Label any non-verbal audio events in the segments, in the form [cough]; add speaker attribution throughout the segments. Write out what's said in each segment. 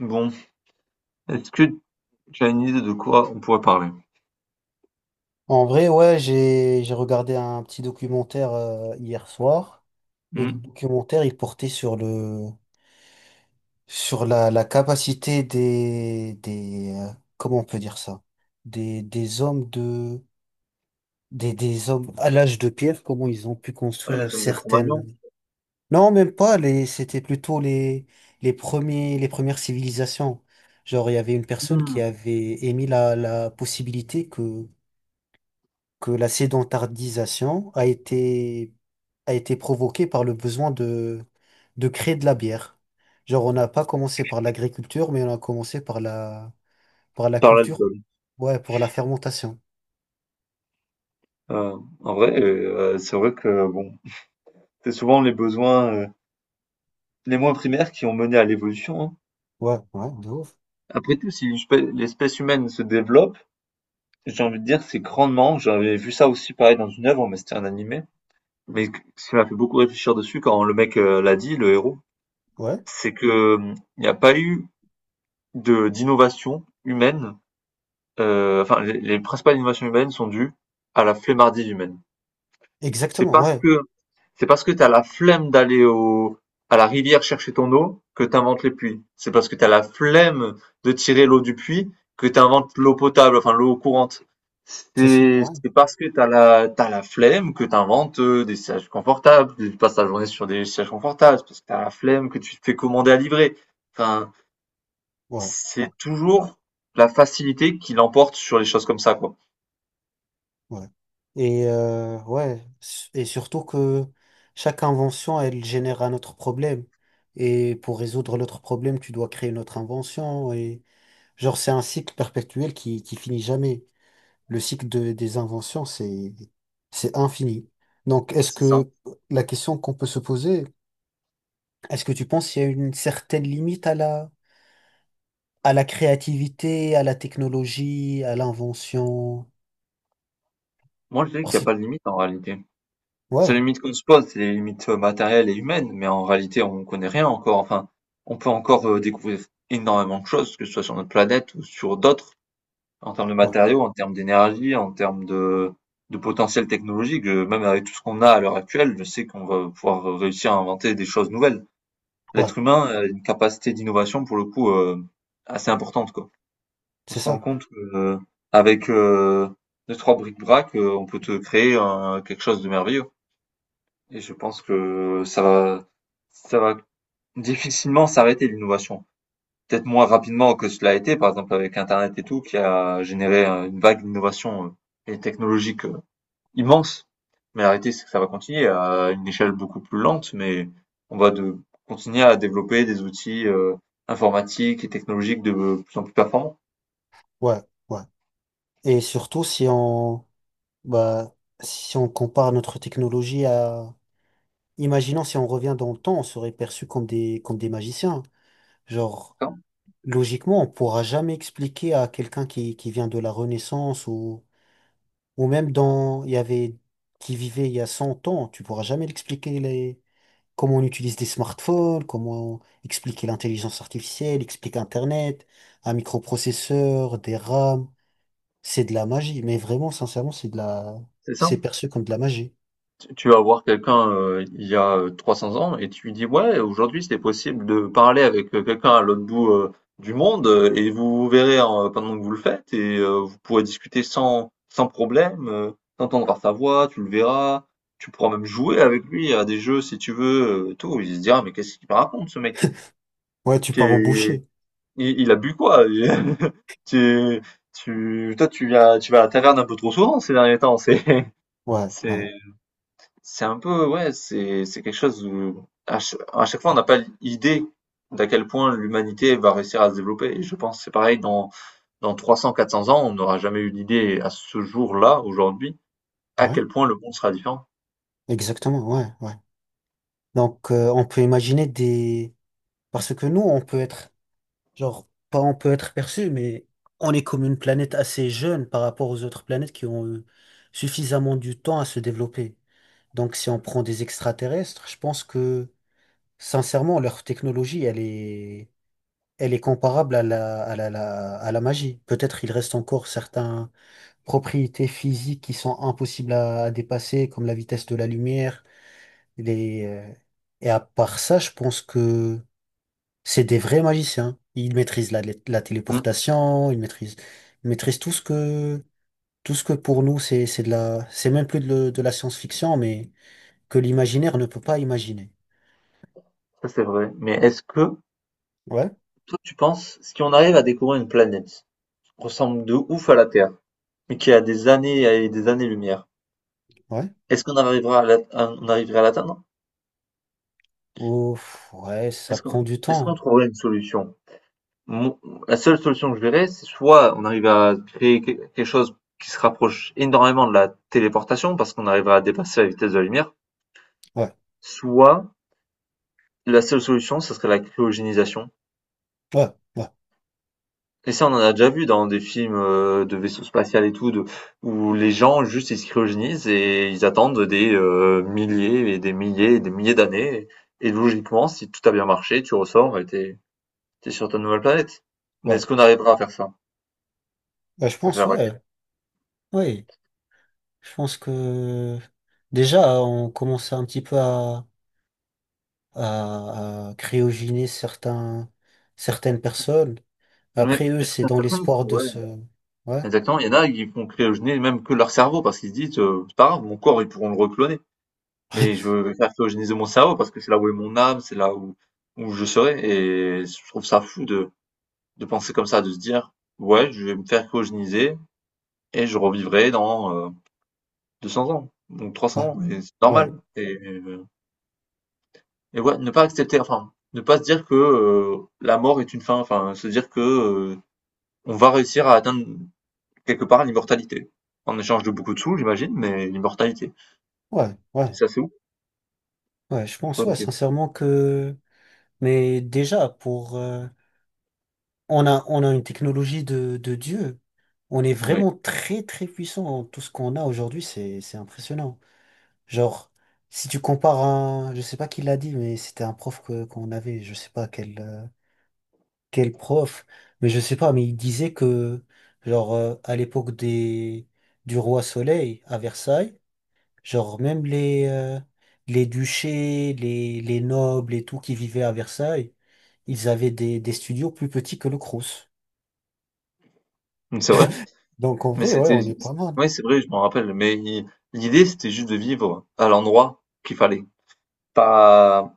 Speaker 1: Bon, est-ce que tu as une idée de quoi on pourrait parler?
Speaker 2: En vrai, ouais, j'ai regardé un petit documentaire hier soir et le
Speaker 1: Hmm?
Speaker 2: documentaire il portait sur la capacité des comment on peut dire ça? Des des hommes de des hommes à l'âge de pierre, comment ils ont pu
Speaker 1: Ouais,
Speaker 2: construire
Speaker 1: les hommes de Cro-Magnon,
Speaker 2: certaines. Non, même pas les c'était plutôt les premiers les premières civilisations. Genre il y avait une personne qui
Speaker 1: hmm,
Speaker 2: avait émis la possibilité que la sédentarisation a été provoquée par le besoin de créer de la bière. Genre, on n'a pas commencé par l'agriculture, mais on a commencé par la
Speaker 1: par
Speaker 2: culture,
Speaker 1: l'alcool.
Speaker 2: ouais, pour la fermentation.
Speaker 1: En vrai, c'est vrai que bon, c'est souvent les besoins les moins primaires qui ont mené à l'évolution, hein.
Speaker 2: Ouais, ouais, de ouf.
Speaker 1: Après tout, si l'espèce humaine se développe, j'ai envie de dire, c'est grandement. J'avais vu ça aussi pareil dans une œuvre, mais c'était un animé. Mais ce qui m'a fait beaucoup réfléchir dessus quand le mec l'a dit, le héros,
Speaker 2: Ouais,
Speaker 1: c'est que il n'y a pas eu de d'innovation humaine enfin les principales innovations humaines sont dues à la flemmardise humaine. C'est
Speaker 2: exactement,
Speaker 1: parce
Speaker 2: ouais,
Speaker 1: que c'est parce que t'as la flemme d'aller au à la rivière chercher ton eau que t'inventes les puits. C'est parce que t'as la flemme de tirer l'eau du puits que t'inventes l'eau potable, enfin l'eau courante.
Speaker 2: c'est ça,
Speaker 1: C'est
Speaker 2: ouais,
Speaker 1: c'est parce que t'as la flemme que t'inventes des sièges confortables, que tu passes ta journée sur des sièges confortables. C'est parce que t'as la flemme que tu te fais commander à livrer. Enfin,
Speaker 2: ouais, ouais,
Speaker 1: c'est toujours la facilité qui l'emporte sur les choses comme ça, quoi.
Speaker 2: ouais. Et, ouais, et surtout que chaque invention, elle génère un autre problème. Et pour résoudre l'autre problème, tu dois créer une autre invention et genre, c'est un cycle perpétuel qui finit jamais. Le des inventions, c'est infini. Donc, est-ce
Speaker 1: C'est ça.
Speaker 2: que la question qu'on peut se poser, est-ce que tu penses qu'il y a une certaine limite à la créativité, à la technologie, à l'invention?
Speaker 1: Moi, je dirais qu'il n'y
Speaker 2: Parce
Speaker 1: a
Speaker 2: que-
Speaker 1: pas de limite en réalité. C'est
Speaker 2: ouais,
Speaker 1: les limites qu'on se pose, c'est les limites matérielles et humaines, mais en réalité, on ne connaît rien encore. Enfin, on peut encore découvrir énormément de choses, que ce soit sur notre planète ou sur d'autres, en termes de
Speaker 2: ouais,
Speaker 1: matériaux, en termes d'énergie, en termes de potentiel technologique. Même avec tout ce qu'on a à l'heure actuelle, je sais qu'on va pouvoir réussir à inventer des choses nouvelles.
Speaker 2: ouais,
Speaker 1: L'être humain a une capacité d'innovation, pour le coup, assez importante, quoi. On
Speaker 2: c'est
Speaker 1: se rend
Speaker 2: ça.
Speaker 1: compte que avec 2-3 bric-brac, on peut te créer un quelque chose de merveilleux et je pense que ça va difficilement s'arrêter l'innovation. Peut-être moins rapidement que cela a été, par exemple avec internet et tout, qui a généré, une vague d'innovation, et technologique, immense. Mais la réalité, c'est que ça va continuer à une échelle beaucoup plus lente, mais on va de continuer à développer des outils, informatiques et technologiques de plus en plus performants.
Speaker 2: Ouais, ouais. Et surtout, si on, bah, si on compare notre technologie à, imaginons si on revient dans le temps, on serait perçu comme des magiciens. Genre, logiquement, on pourra jamais expliquer à quelqu'un qui vient de la Renaissance ou même dans, il y avait, qui vivait il y a 100 ans, tu pourras jamais l'expliquer les, comment on utilise des smartphones, comment expliquer l'intelligence artificielle, expliquer Internet, un microprocesseur, des RAM. C'est de la magie, mais vraiment, sincèrement, c'est de la,
Speaker 1: C'est ça?
Speaker 2: c'est perçu comme de la magie.
Speaker 1: Tu vas voir quelqu'un il y a 300 ans et tu lui dis, ouais, aujourd'hui c'était possible de parler avec quelqu'un à l'autre bout du monde et vous vous verrez hein, pendant que vous le faites et vous pourrez discuter sans problème, t'entendras sa voix, tu le verras, tu pourras même jouer avec lui à des jeux si tu veux, tout. Il se dira, mais qu'est-ce qu'il me raconte ce mec?
Speaker 2: Ouais, tu pars au
Speaker 1: Qu'est-
Speaker 2: boucher.
Speaker 1: il a bu quoi? [laughs] Tu, tu, toi, tu viens, tu vas à la taverne un peu trop souvent ces derniers temps, [laughs]
Speaker 2: Ouais, ouais,
Speaker 1: c'est, c'est un peu, ouais, c'est quelque chose où à chaque fois on n'a pas l'idée d'à quel point l'humanité va réussir à se développer. Et je pense que c'est pareil dans 300, 400 ans, on n'aura jamais eu l'idée à ce jour-là, aujourd'hui, à
Speaker 2: ouais,
Speaker 1: quel point le monde sera différent.
Speaker 2: exactement, ouais, ouais. Donc, on peut imaginer des, parce que nous, on peut être genre, pas on peut être perçu, mais on est comme une planète assez jeune par rapport aux autres planètes qui ont eu suffisamment du temps à se développer. Donc, si on prend des extraterrestres, je pense que, sincèrement, leur technologie, elle est comparable à la, à la, à la magie. Peut-être il reste encore certaines propriétés physiques qui sont impossibles à dépasser, comme la vitesse de la lumière. Les, et à part ça, je pense que c'est des vrais magiciens. Ils maîtrisent la, la
Speaker 1: Mm.
Speaker 2: téléportation, ils maîtrisent tout ce que pour nous, c'est de la, c'est même plus de, de la science-fiction, mais que l'imaginaire ne peut pas imaginer.
Speaker 1: Ça c'est vrai. Mais est-ce que
Speaker 2: Ouais,
Speaker 1: toi tu penses si on arrive à découvrir une planète qui ressemble de ouf à la Terre, mais qui a des années et des années-lumière,
Speaker 2: ouais.
Speaker 1: est-ce qu'on arrivera on arriverait à l'atteindre?
Speaker 2: Ouf, ouais, ça
Speaker 1: Est-ce qu'on
Speaker 2: prend du
Speaker 1: est-ce qu'on
Speaker 2: temps.
Speaker 1: trouverait une solution? Mon la seule solution que je verrais, c'est soit on arrive à créer qu quelque chose qui se rapproche énormément de la téléportation parce qu'on arrivera à dépasser la vitesse de la lumière,
Speaker 2: Ouais,
Speaker 1: soit la seule solution, ce serait la cryogénisation.
Speaker 2: ouais, ouais,
Speaker 1: Et ça, on en a déjà vu dans des films de vaisseaux spatial et tout, où les gens juste ils se cryogénisent et ils attendent des milliers et des milliers et des milliers d'années. Et logiquement, si tout a bien marché, tu ressors et t'es es sur ta nouvelle planète. Mais est-ce
Speaker 2: ouais.
Speaker 1: qu'on arrivera à faire ça?
Speaker 2: Ouais, je
Speaker 1: Ça, c'est
Speaker 2: pense,
Speaker 1: la vraie question.
Speaker 2: ouais, ouais. Je pense que déjà, on commençait un petit peu à cryogéniser certains, certaines personnes.
Speaker 1: Mais
Speaker 2: Après eux,
Speaker 1: est-ce que
Speaker 2: c'est
Speaker 1: certaines
Speaker 2: dans
Speaker 1: personnes,
Speaker 2: l'espoir de
Speaker 1: ouais.
Speaker 2: se, ouais.
Speaker 1: Exactement, il y en a, ils font cryogéner même que leur cerveau parce qu'ils se disent, c'est pas grave, mon corps, ils pourront le recloner, mais je veux faire cryogéniser mon cerveau parce que c'est là où est mon âme, c'est là où je serai et je trouve ça fou de penser comme ça, de se dire: «Ouais, je vais me faire cryogéniser et je revivrai dans, 200 ans ou trois
Speaker 2: Ouais,
Speaker 1: cents ans» et c'est
Speaker 2: ouais,
Speaker 1: normal et ouais, ne pas accepter, enfin, ne pas se dire que, la mort est une fin, enfin, se dire que on va réussir à atteindre quelque part l'immortalité. En échange de beaucoup de sous, j'imagine, mais l'immortalité.
Speaker 2: ouais, ouais,
Speaker 1: Ça, c'est où?
Speaker 2: ouais, je
Speaker 1: Ah,
Speaker 2: pense, ouais,
Speaker 1: OK.
Speaker 2: sincèrement que... Mais déjà, pour... on a une technologie de Dieu. On est
Speaker 1: Oui,
Speaker 2: vraiment très, très puissant. Tout ce qu'on a aujourd'hui, c'est impressionnant. Genre, si tu compares un... Je sais pas qui l'a dit, mais c'était un prof que, qu'on avait. Je sais pas quel, quel prof. Mais je sais pas, mais il disait que, genre, à l'époque des, du roi Soleil, à Versailles, genre, même les duchés, les nobles et tout qui vivaient à Versailles, ils avaient des studios plus petits que le Crous.
Speaker 1: mmh, c'est vrai.
Speaker 2: Donc en
Speaker 1: Mais
Speaker 2: vrai, ouais,
Speaker 1: c'était
Speaker 2: on est pas mal.
Speaker 1: oui, c'est vrai, je m'en rappelle. Mais i l'idée, c'était juste de vivre à l'endroit qu'il fallait. Pas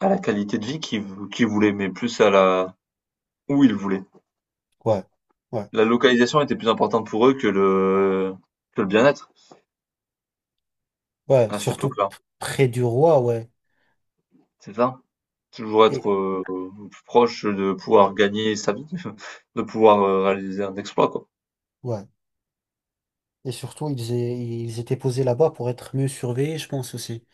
Speaker 1: à la qualité de vie qu'ils vou qu'ils voulaient, mais plus à la où ils voulaient.
Speaker 2: Ouais, ouais,
Speaker 1: La localisation était plus importante pour eux que le bien-être
Speaker 2: ouais,
Speaker 1: à cette
Speaker 2: surtout
Speaker 1: époque-là.
Speaker 2: près du roi, ouais.
Speaker 1: C'est ça. Toujours être,
Speaker 2: Et,
Speaker 1: plus proche de pouvoir gagner sa vie, [laughs] de pouvoir, réaliser un exploit, quoi.
Speaker 2: ouais. Et surtout, ils étaient posés là-bas pour être mieux surveillés, je pense aussi.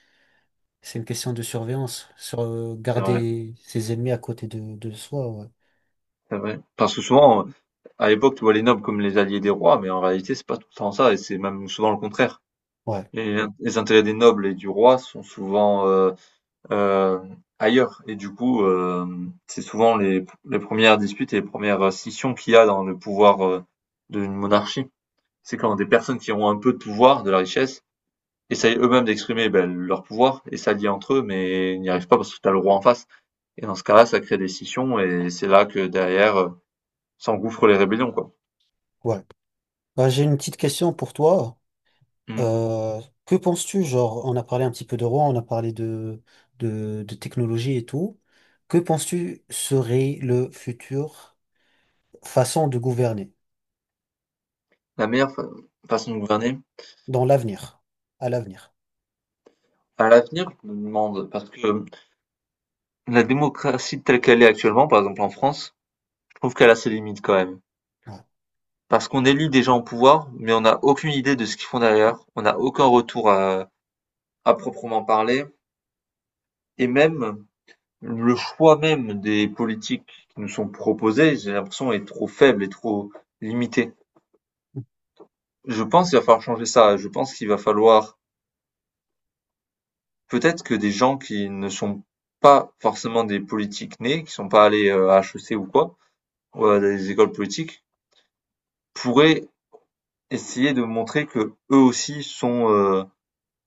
Speaker 2: C'est une question de surveillance, sur
Speaker 1: C'est vrai,
Speaker 2: garder ses ennemis à côté de soi, ouais.
Speaker 1: c'est vrai. Parce que souvent, à l'époque, tu vois les nobles comme les alliés des rois, mais en réalité, c'est pas tout le temps ça, et c'est même souvent le contraire.
Speaker 2: Ouais,
Speaker 1: Et les intérêts des nobles et du roi sont souvent euh, ailleurs, et du coup, c'est souvent les premières disputes et les premières scissions qu'il y a dans le pouvoir d'une monarchie. C'est quand des personnes qui ont un peu de pouvoir, de la richesse, essayent eux-mêmes d'exprimer ben, leur pouvoir et s'allient entre eux, mais n'y arrivent pas parce que t'as le roi en face. Et dans ce cas-là, ça crée des scissions, et c'est là que derrière s'engouffrent les rébellions, quoi.
Speaker 2: ouais. Bah, j'ai une petite question pour toi.
Speaker 1: Mm.
Speaker 2: Que penses-tu, genre, on a parlé un petit peu de roi, on a parlé de technologie et tout. Que penses-tu serait le futur façon de gouverner
Speaker 1: La meilleure façon de gouverner?
Speaker 2: dans l'avenir, à l'avenir?
Speaker 1: À l'avenir, je me demande, parce que la démocratie telle qu'elle est actuellement, par exemple en France, je trouve qu'elle a ses limites quand même.
Speaker 2: Ouais,
Speaker 1: Parce qu'on élit des gens au pouvoir, mais on n'a aucune idée de ce qu'ils font derrière, on n'a aucun retour à proprement parler, et même le choix même des politiques qui nous sont proposées, j'ai l'impression, est trop faible et trop limité. Je pense qu'il va falloir changer ça, je pense qu'il va falloir. Peut-être que des gens qui ne sont pas forcément des politiques nés, qui sont pas allés, à HEC ou quoi, ou à des écoles politiques, pourraient essayer de montrer que eux aussi sont,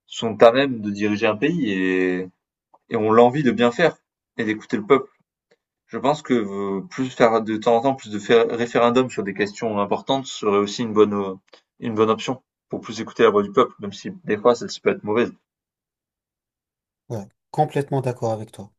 Speaker 1: sont à même de diriger un pays et ont l'envie de bien faire et d'écouter le peuple. Je pense que, plus faire de temps en temps plus de faire référendums sur des questions importantes serait aussi une bonne option pour plus écouter la voix du peuple, même si des fois celle-ci peut être mauvaise.
Speaker 2: ouais, complètement d'accord avec toi.